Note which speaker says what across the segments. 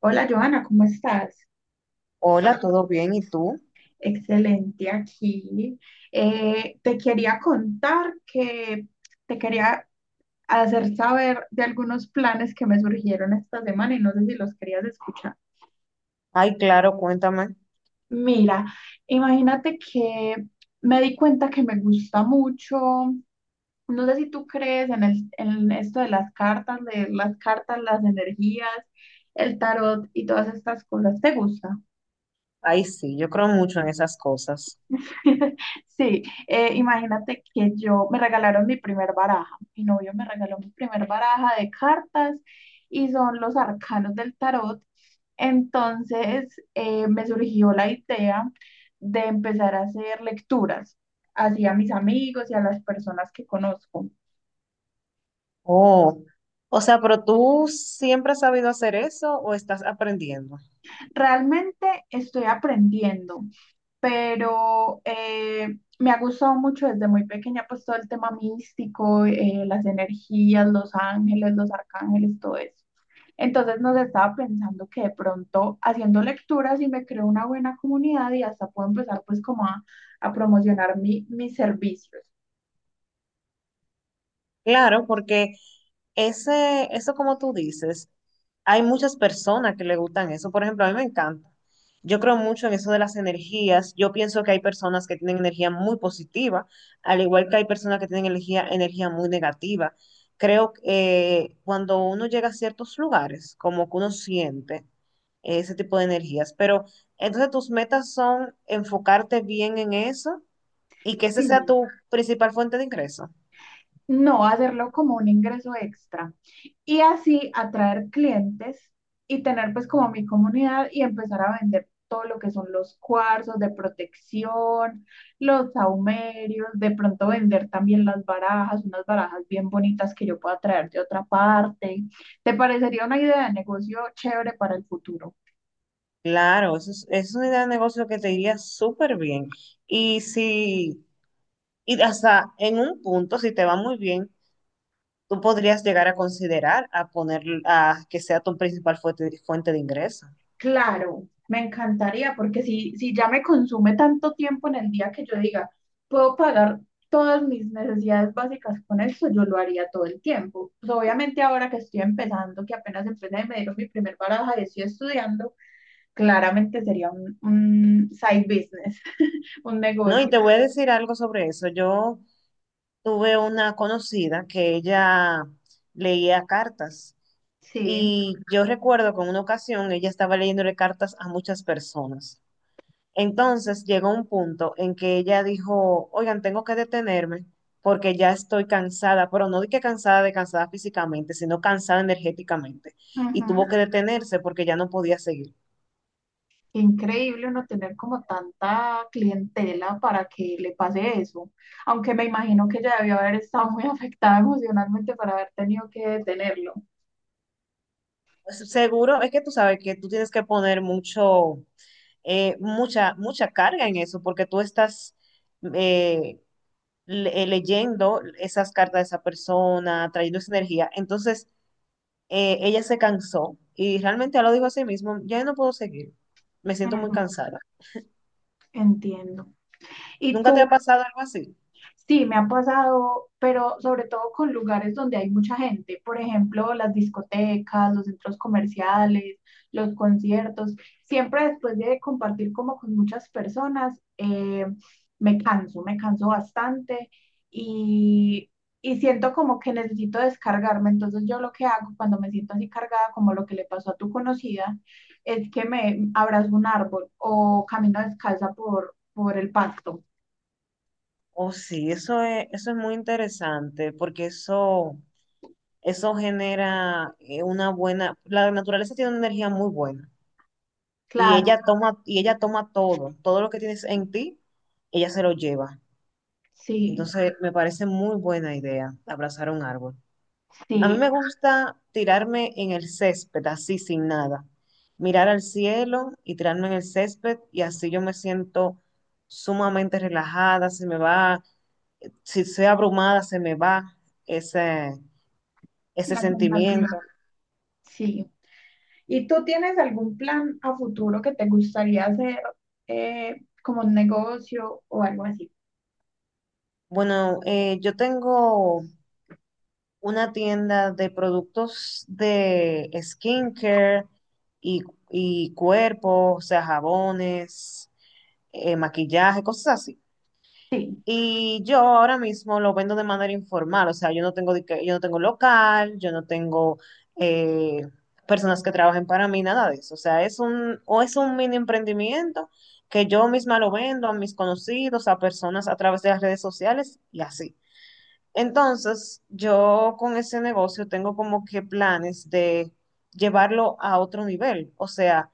Speaker 1: Hola Joana, ¿cómo estás?
Speaker 2: Hola, ¿todo bien? ¿Y tú?
Speaker 1: Excelente aquí. Te quería contar que te quería hacer saber de algunos planes que me surgieron esta semana y no sé si los querías escuchar.
Speaker 2: Ay, claro, cuéntame.
Speaker 1: Mira, imagínate que me di cuenta que me gusta mucho. No sé si tú crees en, en esto de las cartas, las energías, el tarot y todas estas cosas. ¿Te gusta?
Speaker 2: Ay, sí, yo creo mucho en esas cosas.
Speaker 1: Sí, imagínate que yo me regalaron mi primer baraja, mi novio me regaló mi primer baraja de cartas y son los arcanos del tarot. Entonces me surgió la idea de empezar a hacer lecturas así a mis amigos y a las personas que conozco.
Speaker 2: Oh, o sea, pero tú siempre has sabido hacer eso o estás aprendiendo?
Speaker 1: Realmente estoy aprendiendo, pero me ha gustado mucho desde muy pequeña, pues todo el tema místico, las energías, los ángeles, los arcángeles, todo eso. Entonces nos estaba pensando que de pronto haciendo lecturas y me creo una buena comunidad y hasta puedo empezar pues como a promocionar mis servicios.
Speaker 2: Claro, porque eso como tú dices, hay muchas personas que le gustan eso. Por ejemplo, a mí me encanta. Yo creo mucho en eso de las energías. Yo pienso que hay personas que tienen energía muy positiva, al igual que hay personas que tienen energía muy negativa. Creo que cuando uno llega a ciertos lugares, como que uno siente ese tipo de energías. Pero entonces tus metas son enfocarte bien en eso y que ese sea
Speaker 1: Sí.
Speaker 2: tu principal fuente de ingreso.
Speaker 1: No hacerlo como un ingreso extra, y así atraer clientes y tener pues como mi comunidad y empezar a vender todo lo que son los cuarzos de protección, los saumerios, de pronto vender también las barajas, unas barajas bien bonitas que yo pueda traer de otra parte. ¿Te parecería una idea de negocio chévere para el futuro?
Speaker 2: Claro, es una idea de negocio que te iría súper bien. Y si, y hasta en un punto, si te va muy bien, tú podrías llegar a considerar a poner, a que sea tu principal fuente de ingreso.
Speaker 1: Claro, me encantaría, porque si ya me consume tanto tiempo en el día que yo diga, puedo pagar todas mis necesidades básicas con esto, yo lo haría todo el tiempo. Pues obviamente ahora que estoy empezando, que apenas empecé y me dieron mi primer baraja y estoy estudiando, claramente sería un side business, un
Speaker 2: No, y
Speaker 1: negocio.
Speaker 2: te voy a decir algo sobre eso. Yo tuve una conocida que ella leía cartas.
Speaker 1: Sí.
Speaker 2: Y yo recuerdo que en una ocasión ella estaba leyéndole cartas a muchas personas. Entonces llegó un punto en que ella dijo, oigan, tengo que detenerme porque ya estoy cansada, pero no de que cansada de cansada físicamente, sino cansada energéticamente. Y tuvo que detenerse porque ya no podía seguir.
Speaker 1: Qué increíble uno tener como tanta clientela para que le pase eso. Aunque me imagino que ella debió haber estado muy afectada emocionalmente para haber tenido que detenerlo.
Speaker 2: Pues, seguro es que tú sabes que tú tienes que poner mucho, mucha carga en eso porque tú estás eh, leyendo esas cartas de esa persona, trayendo esa energía. Entonces, ella se cansó y realmente ella lo dijo a sí mismo, ya no puedo seguir, me siento muy
Speaker 1: Ujú,
Speaker 2: cansada.
Speaker 1: entiendo. ¿Y
Speaker 2: ¿Nunca te ha
Speaker 1: tú?
Speaker 2: pasado algo así?
Speaker 1: Sí, me ha pasado, pero sobre todo con lugares donde hay mucha gente, por ejemplo, las discotecas, los centros comerciales, los conciertos. Siempre después de compartir como con muchas personas, me canso bastante y, y siento como que necesito descargarme. Entonces yo lo que hago cuando me siento así cargada, como lo que le pasó a tu conocida, es que me abrazo un árbol o camino descalza por el pasto.
Speaker 2: Oh, sí, eso es muy interesante porque eso genera una buena, la naturaleza tiene una energía muy buena y
Speaker 1: Claro,
Speaker 2: y ella toma todo, todo lo que tienes en ti, ella se lo lleva.
Speaker 1: sí.
Speaker 2: Entonces, me parece muy buena idea abrazar un árbol. A mí me
Speaker 1: Sí,
Speaker 2: gusta tirarme en el césped, así sin nada. Mirar al cielo y tirarme en el césped y así yo me siento sumamente relajada, se me va, si soy abrumada, se me va ese, ese
Speaker 1: la
Speaker 2: sentimiento.
Speaker 1: sensación, sí. ¿Y tú tienes algún plan a futuro que te gustaría hacer eh, como un negocio o algo así?
Speaker 2: Bueno, yo tengo una tienda de productos de skincare y, y cuerpo, o sea, jabones, maquillaje, cosas así.
Speaker 1: Sí,
Speaker 2: Y yo ahora mismo lo vendo de manera informal, o sea, yo no tengo local, yo no tengo eh, personas que trabajen para mí, nada de eso. O sea, es un mini emprendimiento que yo misma lo vendo a mis conocidos, a personas a través de las redes sociales y así. Entonces, yo con ese negocio tengo como que planes de llevarlo a otro nivel, o sea,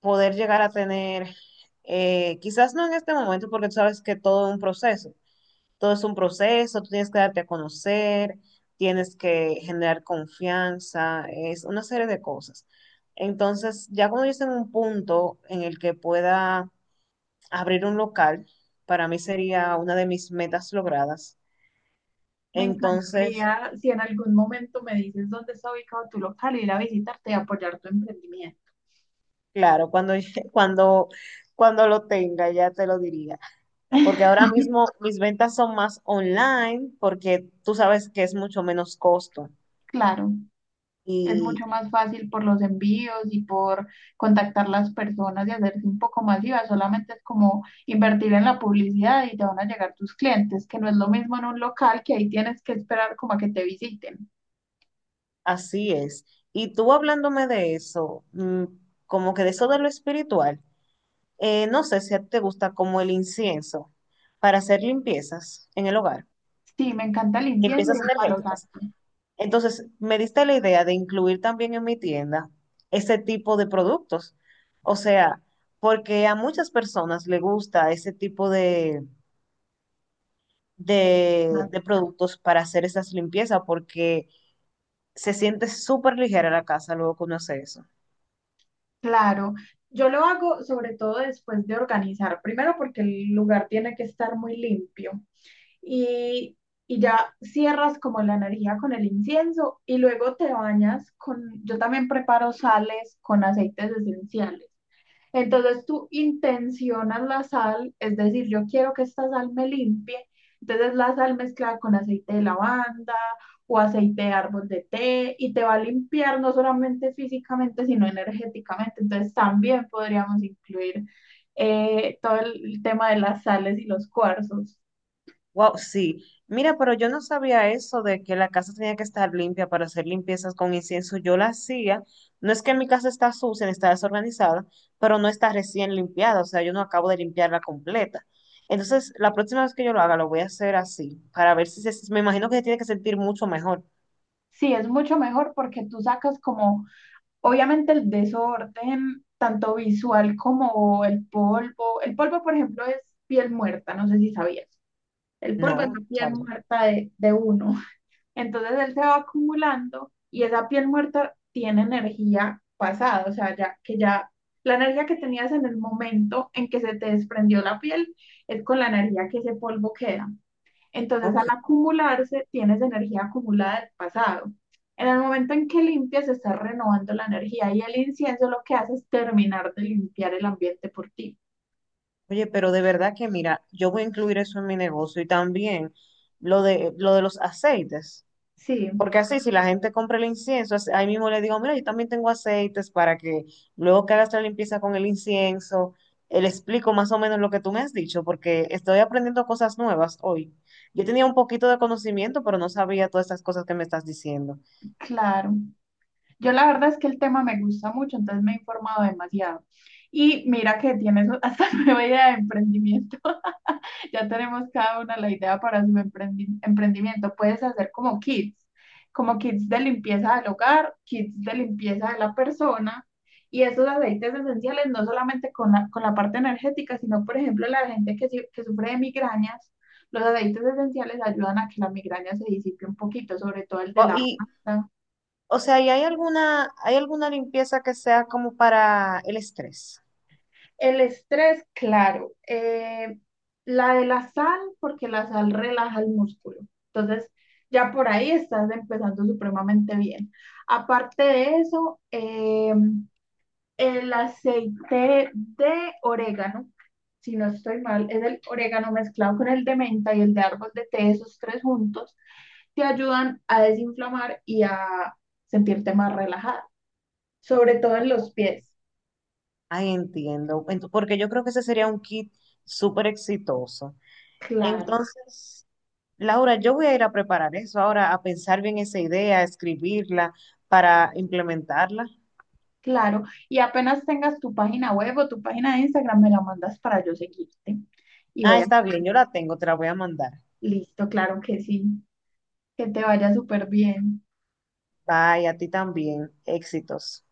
Speaker 2: poder llegar a tener, quizás no en este momento, porque tú sabes que todo es un proceso, tú tienes que darte a conocer, tienes que generar confianza, es una serie de cosas. Entonces, ya cuando yo esté en un punto en el que pueda abrir un local, para mí sería una de mis metas logradas.
Speaker 1: me
Speaker 2: Entonces,
Speaker 1: encantaría si en algún momento me dices dónde está ubicado tu local, ir a visitarte y apoyar tu emprendimiento.
Speaker 2: claro, cuando, cuando lo tenga, ya te lo diría. Porque ahora mismo mis ventas son más online, porque tú sabes que es mucho menos costo.
Speaker 1: Claro. Es mucho
Speaker 2: Y
Speaker 1: más fácil por los envíos y por contactar las personas y hacerse un poco masiva. Solamente es como invertir en la publicidad y te van a llegar tus clientes, que no es lo mismo en un local, que ahí tienes que esperar como a que te visiten.
Speaker 2: así es. Y tú hablándome de eso, como que de eso de lo espiritual, no sé si a ti te gusta como el incienso para hacer limpiezas en el hogar,
Speaker 1: Sí, me encanta el incienso y
Speaker 2: limpiezas
Speaker 1: el palo
Speaker 2: energéticas.
Speaker 1: santo.
Speaker 2: Entonces, me diste la idea de incluir también en mi tienda ese tipo de productos. O sea, porque a muchas personas le gusta ese tipo
Speaker 1: Claro.
Speaker 2: de productos para hacer esas limpiezas porque se siente súper ligera la casa luego que uno hace eso.
Speaker 1: Claro, yo lo hago sobre todo después de organizar, primero porque el lugar tiene que estar muy limpio y, y ya cierras como la energía con el incienso y luego te bañas con, yo también preparo sales con aceites esenciales. Entonces tú intencionas la sal, es decir, yo quiero que esta sal me limpie, entonces la sal mezclada con aceite de lavanda o aceite de árbol de té y te va a limpiar no solamente físicamente, sino energéticamente. Entonces también podríamos incluir todo el tema de las sales y los cuarzos.
Speaker 2: Wow, sí. Mira, pero yo no sabía eso de que la casa tenía que estar limpia para hacer limpiezas con incienso. Yo la hacía. No es que mi casa está sucia, ni está desorganizada, pero no está recién limpiada. O sea, yo no acabo de limpiarla completa. Entonces, la próxima vez que yo lo haga, lo voy a hacer así, para ver si se Me imagino que se tiene que sentir mucho mejor.
Speaker 1: Sí, es mucho mejor porque tú sacas como, obviamente el desorden, tanto visual como el polvo. El polvo, por ejemplo, es piel muerta, no sé si sabías. El polvo es
Speaker 2: No,
Speaker 1: la piel
Speaker 2: sabes.
Speaker 1: muerta de uno. Entonces él se va acumulando y esa piel muerta tiene energía pasada, o sea, ya que ya la energía que tenías en el momento en que se te desprendió la piel es con la energía que ese polvo queda. Entonces, al
Speaker 2: Ok.
Speaker 1: acumularse, tienes energía acumulada del pasado. En el momento en que limpias, estás renovando la energía y el incienso lo que hace es terminar de limpiar el ambiente por ti.
Speaker 2: Oye, pero de verdad que mira, yo voy a incluir eso en mi negocio y también lo de los aceites.
Speaker 1: Sí,
Speaker 2: Porque así, si la gente compra el incienso, así- ahí mismo le digo, mira, yo también tengo aceites para que luego que hagas la limpieza con el incienso, le explico más o menos lo que tú me has dicho, porque estoy aprendiendo cosas nuevas hoy. Yo tenía un poquito de conocimiento, pero no sabía todas estas cosas que me estás diciendo.
Speaker 1: claro. Yo la verdad es que el tema me gusta mucho, entonces me he informado demasiado. Y mira que tienes hasta nueva idea de emprendimiento. Ya tenemos cada una la idea para su emprendimiento. Puedes hacer como kits de limpieza del hogar, kits de limpieza de la persona. Y esos aceites esenciales, no solamente con con la parte energética, sino, por ejemplo, la gente que, que sufre de migrañas, los aceites esenciales ayudan a que la migraña se disipe un poquito, sobre todo el de
Speaker 2: O-
Speaker 1: la
Speaker 2: y, ¿Y hay alguna limpieza que sea como para el estrés?
Speaker 1: El estrés, claro. La de la sal, porque la sal relaja el músculo. Entonces, ya por ahí estás empezando supremamente bien. Aparte de eso, el aceite de orégano, si no estoy mal, es el orégano mezclado con el de menta y el de árbol de té, esos tres juntos, te ayudan a desinflamar y a sentirte más relajada, sobre todo en los pies.
Speaker 2: Ay, entiendo. Ento- porque yo creo que ese sería un kit súper exitoso.
Speaker 1: Claro.
Speaker 2: Entonces, Laura, yo voy a ir a preparar eso ahora, a pensar bien esa idea, a escribirla para implementarla.
Speaker 1: Claro, y apenas tengas tu página web o tu página de Instagram, me la mandas para yo seguirte. Y
Speaker 2: Ah,
Speaker 1: voy a...
Speaker 2: está bien, yo la tengo, te la voy a mandar.
Speaker 1: Listo, claro que sí. Que te vaya súper bien.
Speaker 2: Bye, a ti también. Éxitos.